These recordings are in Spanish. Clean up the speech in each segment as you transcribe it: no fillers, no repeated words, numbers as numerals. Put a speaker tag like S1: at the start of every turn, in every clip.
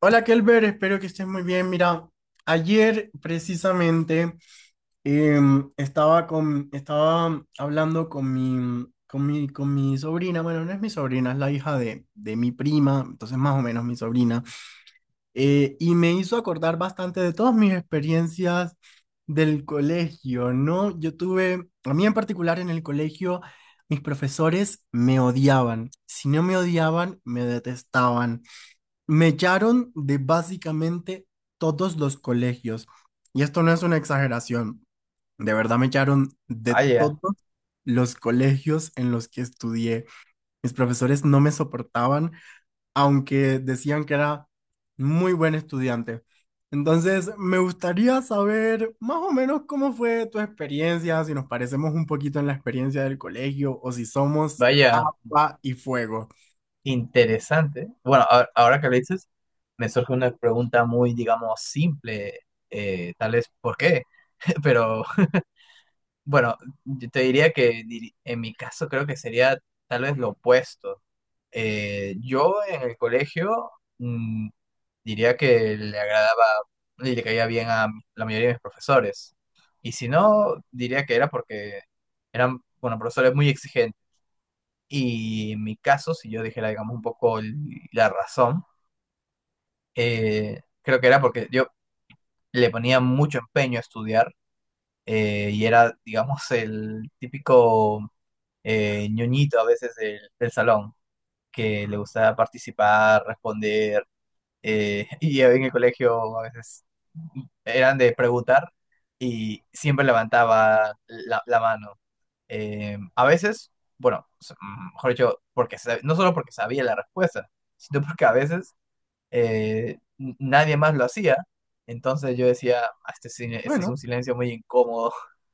S1: Hola Kelber, espero que estés muy bien. Mira, ayer precisamente eh, estaba estaba hablando con mi sobrina, bueno, no es mi sobrina, es la hija de mi prima, entonces más o menos mi sobrina, y me hizo acordar bastante de todas mis experiencias del colegio, ¿no? A mí en particular en el colegio, mis profesores me odiaban. Si no me odiaban, me detestaban. Me echaron de básicamente todos los colegios. Y esto no es una exageración. De verdad me echaron de
S2: Vaya,
S1: todos los colegios en los que estudié. Mis profesores no me soportaban, aunque decían que era muy buen estudiante. Entonces, me gustaría saber más o menos cómo fue tu experiencia, si nos parecemos un poquito en la experiencia del colegio o si somos
S2: vaya,
S1: pa y fuego.
S2: interesante. Bueno, ahora que lo dices, me surge una pregunta muy, digamos, simple, tal vez por qué, pero bueno, yo te diría que en mi caso creo que sería tal vez lo opuesto. Yo en el colegio mm, diría que le agradaba y le caía bien a la mayoría de mis profesores. Y si no, diría que era porque eran, bueno, profesores muy exigentes. Y en mi caso, si yo dijera, digamos, un poco la razón, creo que era porque yo le ponía mucho empeño a estudiar, y era, digamos, el típico ñoñito a veces del salón, que le gustaba participar, responder, y en el colegio a veces eran de preguntar y siempre levantaba la mano. A veces, bueno, mejor dicho, porque no solo porque sabía la respuesta, sino porque a veces nadie más lo hacía. Entonces yo decía, "Ah, este, este es un
S1: Bueno,
S2: silencio muy incómodo".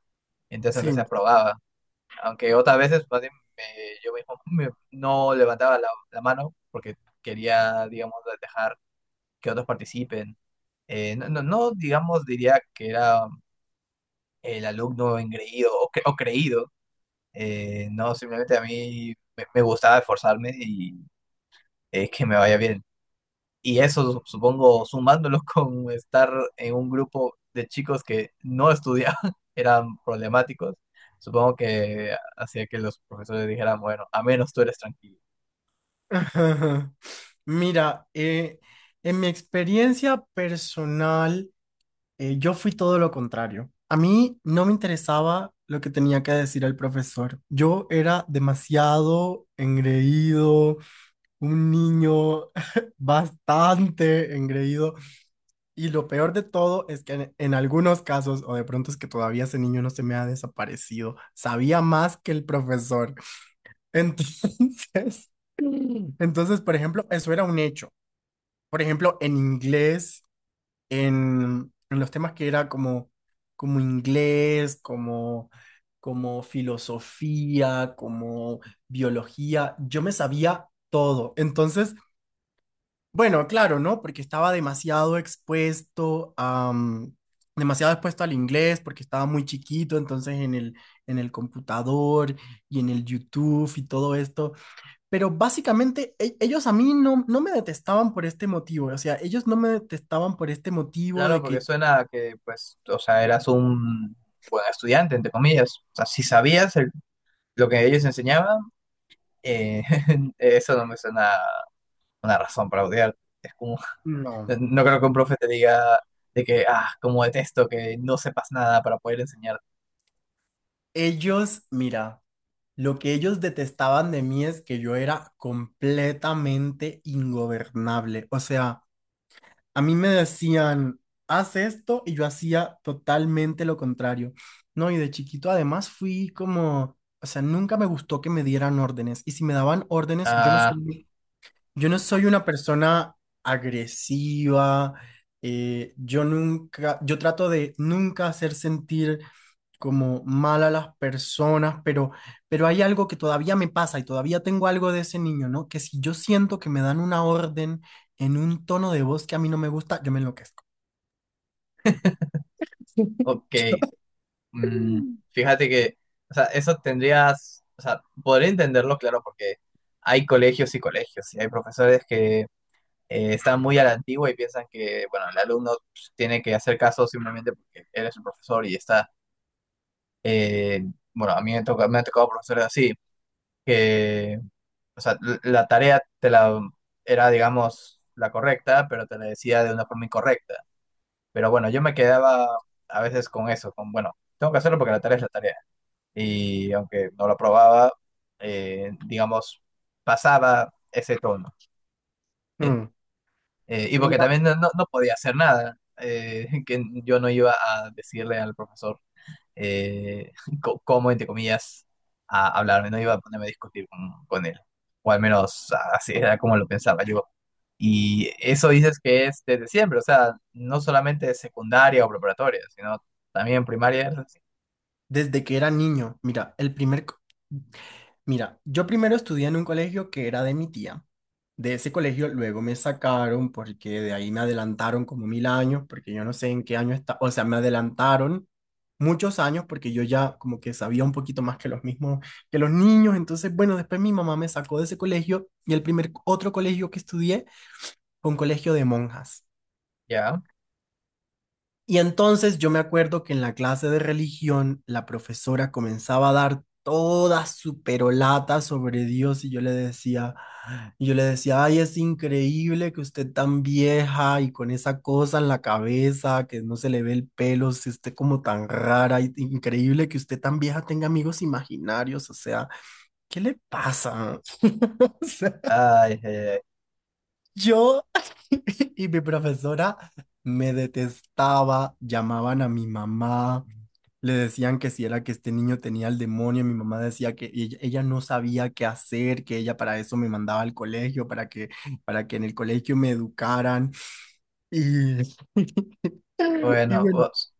S2: Entonces aunque se
S1: sí.
S2: aprobaba. Aunque otras veces más bien, yo mismo no levantaba la mano porque quería, digamos, dejar que otros participen. No, no, no, digamos, diría que era el alumno engreído o, o creído. No, simplemente a mí me gustaba esforzarme y que me vaya bien. Y eso, supongo, sumándolo con estar en un grupo de chicos que no estudiaban, eran problemáticos, supongo que hacía que los profesores dijeran, bueno, a menos tú eres tranquilo.
S1: Ajá. Mira, en mi experiencia personal, yo fui todo lo contrario. A mí no me interesaba lo que tenía que decir el profesor. Yo era demasiado engreído, un niño bastante engreído. Y lo peor de todo es que en algunos casos, o de pronto es que todavía ese niño no se me ha desaparecido, sabía más que el profesor. Entonces... Entonces, por ejemplo, eso era un hecho, por ejemplo, en inglés, en los temas que era como inglés, como filosofía, como biología, yo me sabía todo. Entonces, bueno, claro, ¿no? Porque estaba demasiado expuesto a, demasiado expuesto al inglés, porque estaba muy chiquito, entonces en en el computador y en el YouTube y todo esto. Pero básicamente ellos a mí no me detestaban por este motivo, o sea, ellos no me detestaban por este motivo
S2: Claro,
S1: de
S2: porque
S1: que,
S2: suena a que, pues, o sea, eras un buen estudiante, entre comillas. O sea, si sabías lo que ellos enseñaban, eh, eso no me suena una razón para odiar. Es como:
S1: no,
S2: no creo que un profe te diga de que, ah, como detesto que no sepas nada para poder enseñar.
S1: ellos, mira, lo que ellos detestaban de mí es que yo era completamente ingobernable, o sea, a mí me decían, haz esto y yo hacía totalmente lo contrario, ¿no? Y de chiquito además fui como, o sea, nunca me gustó que me dieran órdenes y si me daban órdenes, yo no sé.
S2: Ah,
S1: Yo no soy una persona agresiva, yo nunca, yo trato de nunca hacer sentir como mal a las personas, pero hay algo que todavía me pasa y todavía tengo algo de ese niño, ¿no? Que si yo siento que me dan una orden en un tono de voz que a mí no me gusta, yo me enloquezco.
S2: ok. mm, fíjate que, o sea, eso tendrías, o sea, podría entenderlo, claro, porque hay colegios y colegios, y hay profesores que están muy a la antigua y piensan que, bueno, el alumno pues, tiene que hacer caso simplemente porque él es el profesor y está, eh, bueno, a mí me toca, me ha tocado profesores así, que o sea, la tarea te la era, digamos, la correcta, pero te la decía de una forma incorrecta. Pero bueno, yo me quedaba a veces con eso, con, bueno, tengo que hacerlo porque la tarea es la tarea. Y aunque no lo probaba, digamos, pasaba ese tono.
S1: Mm,
S2: Y
S1: En
S2: porque también
S1: ca-
S2: no, no podía hacer nada, que yo no iba a decirle al profesor eh, cómo, entre comillas, a hablarme, no iba a ponerme a discutir con él, o al menos así era como lo pensaba yo. Y eso dices que es desde siempre, o sea, no solamente secundaria o preparatoria, sino también primaria, es así,
S1: Desde que era niño, mira, mira, yo primero estudié en un colegio que era de mi tía. De ese colegio luego me sacaron porque de ahí me adelantaron como mil años, porque yo no sé en qué año está, o sea, me adelantaron muchos años porque yo ya como que sabía un poquito más que los mismos, que los niños. Entonces, bueno, después mi mamá me sacó de ese colegio y el primer otro colegio que estudié fue un colegio de monjas.
S2: ¿ya?
S1: Y entonces yo me acuerdo que en la clase de religión la profesora comenzaba a dar toda su perolata sobre Dios y yo le decía, y yo le decía, ay, es increíble que usted tan vieja y con esa cosa en la cabeza, que no se le ve el pelo, se esté como tan rara, increíble que usted tan vieja tenga amigos imaginarios, o sea, ¿qué le pasa? O sea,
S2: Ay, ay, ay.
S1: yo y mi profesora me detestaba, llamaban a mi mamá, le decían que si era que este niño tenía el demonio, mi mamá decía que ella no sabía qué hacer, que ella para eso me mandaba al colegio, para que en el colegio me educaran. Y, y
S2: Bueno,
S1: bueno,
S2: ups,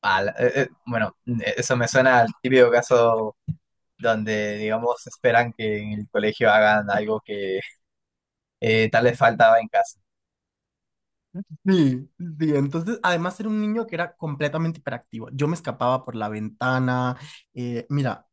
S2: ala, bueno, eso me suena al típico caso donde, digamos, esperan que en el colegio hagan algo que tal vez faltaba en casa.
S1: sí, sí, entonces además era un niño que era completamente hiperactivo. Yo me escapaba por la ventana. Mira.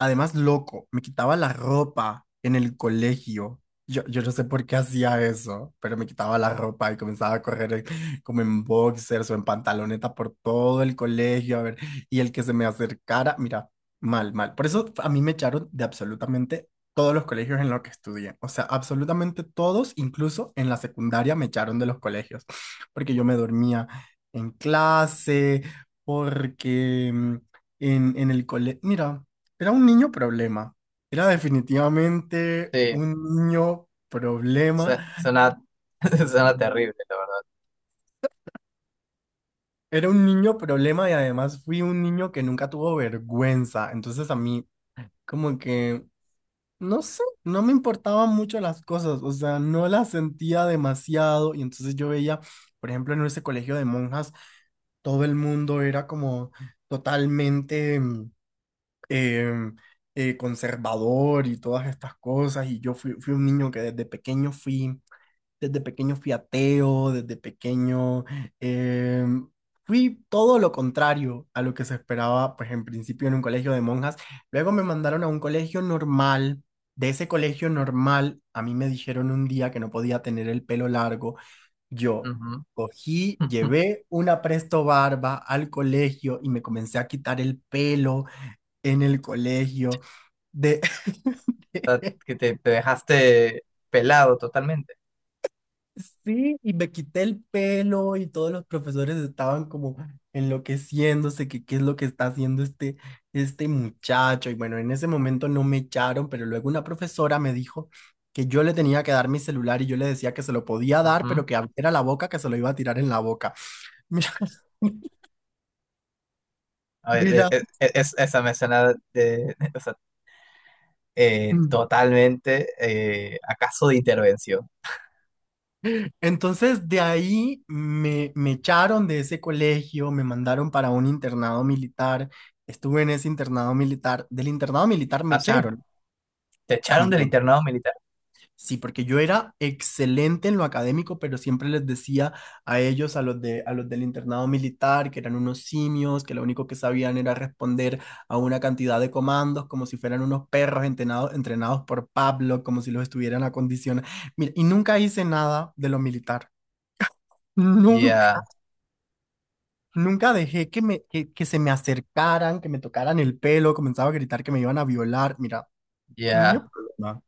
S1: Además, loco, me quitaba la ropa en el colegio. Yo no sé por qué hacía eso, pero me quitaba la ropa y comenzaba a correr como en boxers o en pantaloneta por todo el colegio, a ver, y el que se me acercara, mira, mal, mal. Por eso a mí me echaron de absolutamente todos los colegios en los que estudié. O sea, absolutamente todos, incluso en la secundaria me echaron de los colegios, porque yo me dormía en clase, porque en el colegio, mira. Era un niño problema. Era definitivamente
S2: Sí,
S1: un niño
S2: Su-
S1: problema.
S2: suena, suena terrible, la
S1: Era un niño problema y además fui un niño que nunca tuvo vergüenza. Entonces a mí como que, no sé, no me importaban mucho las cosas. O sea, no las sentía demasiado. Y entonces yo veía, por ejemplo, en ese colegio de monjas, todo el mundo era como totalmente em, conservador y todas estas cosas. Y fui un niño que desde pequeño fui ateo, desde pequeño eh, fui todo lo contrario a lo que se esperaba, pues en principio en un colegio de monjas. Luego me mandaron a un colegio normal. De ese colegio normal, a mí me dijeron un día que no podía tener el pelo largo. Yo
S2: verdad.
S1: cogí,
S2: Ujú.
S1: llevé una presto barba al colegio y me comencé a quitar el pelo en el colegio. De,
S2: O sea, que te dejaste pelado totalmente.
S1: sí, y me quité el pelo y todos los profesores estaban como enloqueciéndose, que qué es lo que está haciendo este muchacho. Y bueno, en ese momento no me echaron, pero luego una profesora me dijo que yo le tenía que dar mi celular y yo le decía que se lo podía dar,
S2: Ujú.
S1: pero que abriera la boca, que se lo iba a tirar en la boca.
S2: A ver,
S1: Mira, mira.
S2: esa me suena de, o sea, totalmente a caso de intervención.
S1: Entonces de ahí me echaron de ese colegio, me mandaron para un internado militar. Estuve en ese internado militar. Del internado militar me
S2: Ah, sí,
S1: echaron.
S2: te echaron del
S1: También,
S2: internado militar.
S1: sí, porque yo era excelente en lo académico, pero siempre les decía a ellos, a los del internado militar, que eran unos simios, que lo único que sabían era responder a una cantidad de comandos, como si fueran unos perros entrenados, entrenados por Pablo, como si los estuvieran acondicionados. Mira, y nunca hice nada de lo militar. Nunca,
S2: Ya,
S1: nunca dejé que que se me acercaran, que me tocaran el pelo, comenzaba a gritar que me iban a violar. Mira, niño
S2: ya,
S1: problema,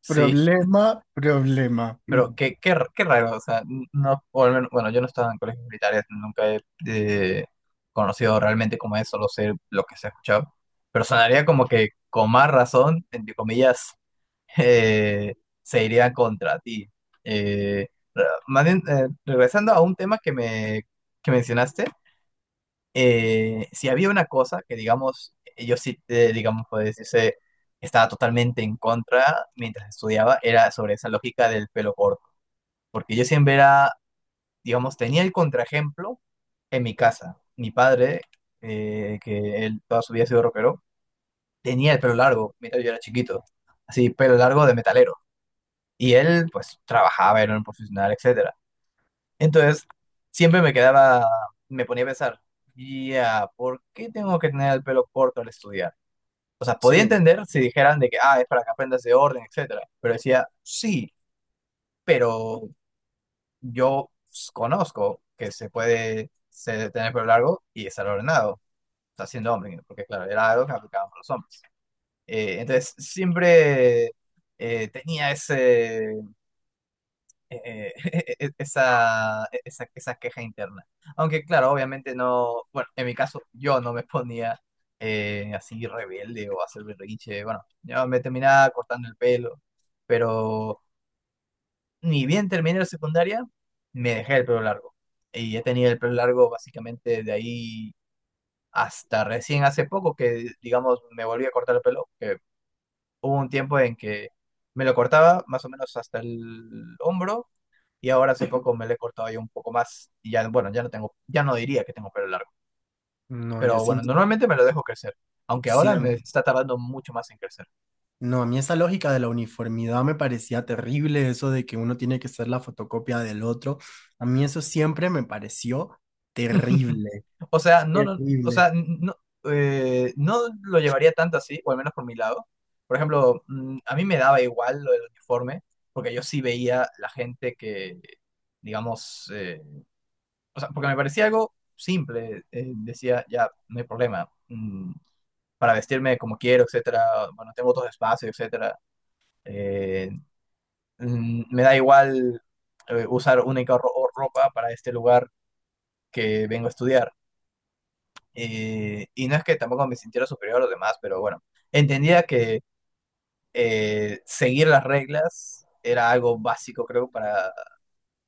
S2: sí.
S1: problema, problema.
S2: Pero qué, qué, qué raro, o sea, no, o al menos, bueno, yo no estaba en colegios militares, nunca he conocido realmente cómo es, solo sé lo que se ha escuchado, pero sonaría como que con más razón, entre comillas, eh, se iría contra ti. Eh, más bien, regresando a un tema que me que mencionaste, si había una cosa que, digamos, yo sí, digamos, puede decirse, estaba totalmente en contra mientras estudiaba, era sobre esa lógica del pelo corto porque yo siempre era, digamos, tenía el contraejemplo en mi casa. Mi padre, que él toda su vida ha sido rockero, tenía el pelo largo mientras yo era chiquito, así, pelo largo de metalero. Y él, pues, trabajaba, era un profesional, etcétera. Entonces, siempre me quedaba, me ponía a pensar, ya, ¿por qué tengo que tener el pelo corto al estudiar? O sea, podía
S1: Sí,
S2: entender si dijeran de que, ah, es para que aprendas de orden, etcétera. Pero decía, sí, pero yo conozco que se puede tener pelo largo y estar ordenado, o sea, siendo hombre, porque claro, era algo que aplicaban para los hombres. Entonces, siempre tenía ese, eh, esa queja interna. Aunque claro, obviamente no, bueno, en mi caso yo no me ponía así rebelde o hacer berrinche, bueno, yo me terminaba cortando el pelo, pero... ni bien terminé la secundaria, me dejé el pelo largo. Y he tenido el pelo largo básicamente de ahí hasta recién hace poco que, digamos, me volví a cortar el pelo. Que hubo un tiempo en que me lo cortaba más o menos hasta el hombro y ahora hace poco me lo he cortado ya un poco más. Y ya, bueno, ya no tengo, ya no diría que tengo pelo largo.
S1: no, yo
S2: Pero
S1: sí,
S2: bueno, normalmente me lo dejo crecer, aunque
S1: sí,
S2: ahora me está tardando mucho más en crecer.
S1: no, a mí esa lógica de la uniformidad me parecía terrible, eso de que uno tiene que ser la fotocopia del otro, a mí eso siempre me pareció terrible,
S2: O sea, no, no, o
S1: terrible,
S2: sea, no, no lo llevaría tanto así, o al menos por mi lado. Por ejemplo, a mí me daba igual lo del uniforme, porque yo sí veía la gente que, digamos, o sea, porque me parecía algo simple. Decía, ya, no hay problema. Para vestirme como quiero, etcétera. Bueno, tengo otros espacios, etcétera. Eh, me da igual usar única ropa para este lugar que vengo a estudiar. Y no es que tampoco me sintiera superior a los demás, pero bueno, entendía que seguir las reglas era algo básico, creo, para,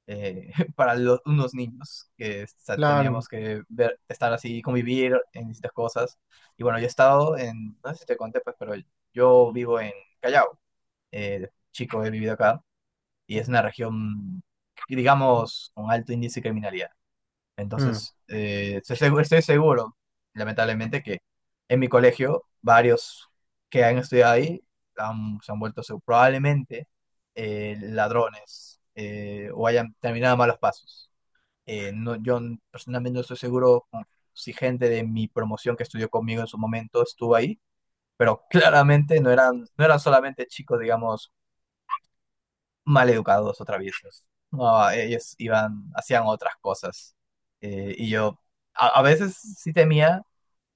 S2: eh, para los, unos niños, que o sea,
S1: claro.
S2: teníamos que ver, estar así, convivir en distintas cosas. Y bueno, yo he estado en, no sé si te conté, pues, pero yo vivo en Callao, chico, he vivido acá, y es una región, digamos, con alto índice de criminalidad.
S1: Mm.
S2: Entonces, estoy seguro, lamentablemente, que en mi colegio varios que han estudiado ahí se han vuelto probablemente ladrones, o hayan terminado malos pasos. No, yo personalmente no estoy seguro si gente de mi promoción que estudió conmigo en su momento estuvo ahí, pero claramente no eran, no eran solamente chicos, digamos, maleducados o traviesos. No, ellos iban, hacían otras cosas. Y yo a veces sí temía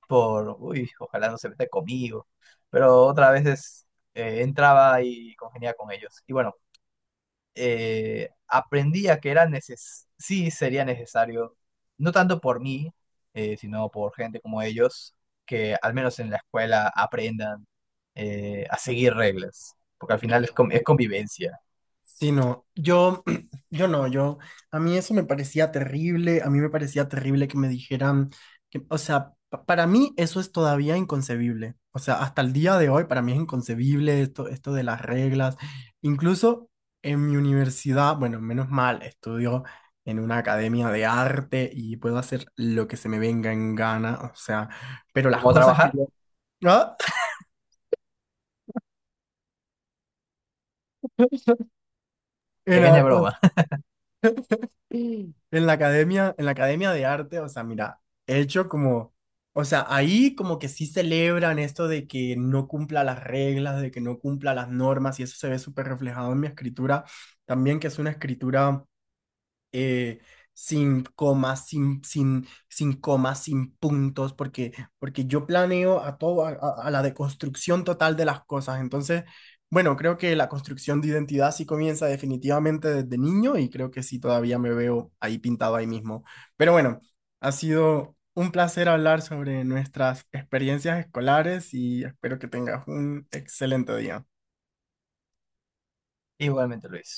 S2: por, uy, ojalá no se meta conmigo, pero otras veces entraba y congeniaba con ellos. Y bueno, aprendía que era neces sí sería necesario, no tanto por mí, sino por gente como ellos, que al menos en la escuela aprendan a seguir reglas, porque al final es, es convivencia.
S1: Sí, no, yo no, yo, a mí eso me parecía terrible, a mí me parecía terrible que me dijeran, que, o sea, para mí eso es todavía inconcebible, o sea, hasta el día de hoy para mí es inconcebible esto, esto de las reglas, incluso en mi universidad, bueno, menos mal, estudio en una academia de arte y puedo hacer lo que se me venga en gana, o sea, pero las
S2: ¿Cómo
S1: cosas que
S2: trabajar?
S1: yo... ¿Ah?
S2: Pequeña
S1: Era-
S2: broma.
S1: Mm. En la academia de arte, o sea, mira, he hecho como, o sea, ahí como que sí celebran esto de que no cumpla las reglas, de que no cumpla las normas, y eso se ve súper reflejado en mi escritura, también que es una escritura eh, sin comas, sin comas, sin puntos, porque, porque yo planeo a todo, a la deconstrucción total de las cosas. Entonces, bueno, creo que la construcción de identidad sí comienza definitivamente desde niño y creo que sí todavía me veo ahí pintado ahí mismo. Pero bueno, ha sido un placer hablar sobre nuestras experiencias escolares y espero que tengas un excelente día.
S2: Igualmente, Luis.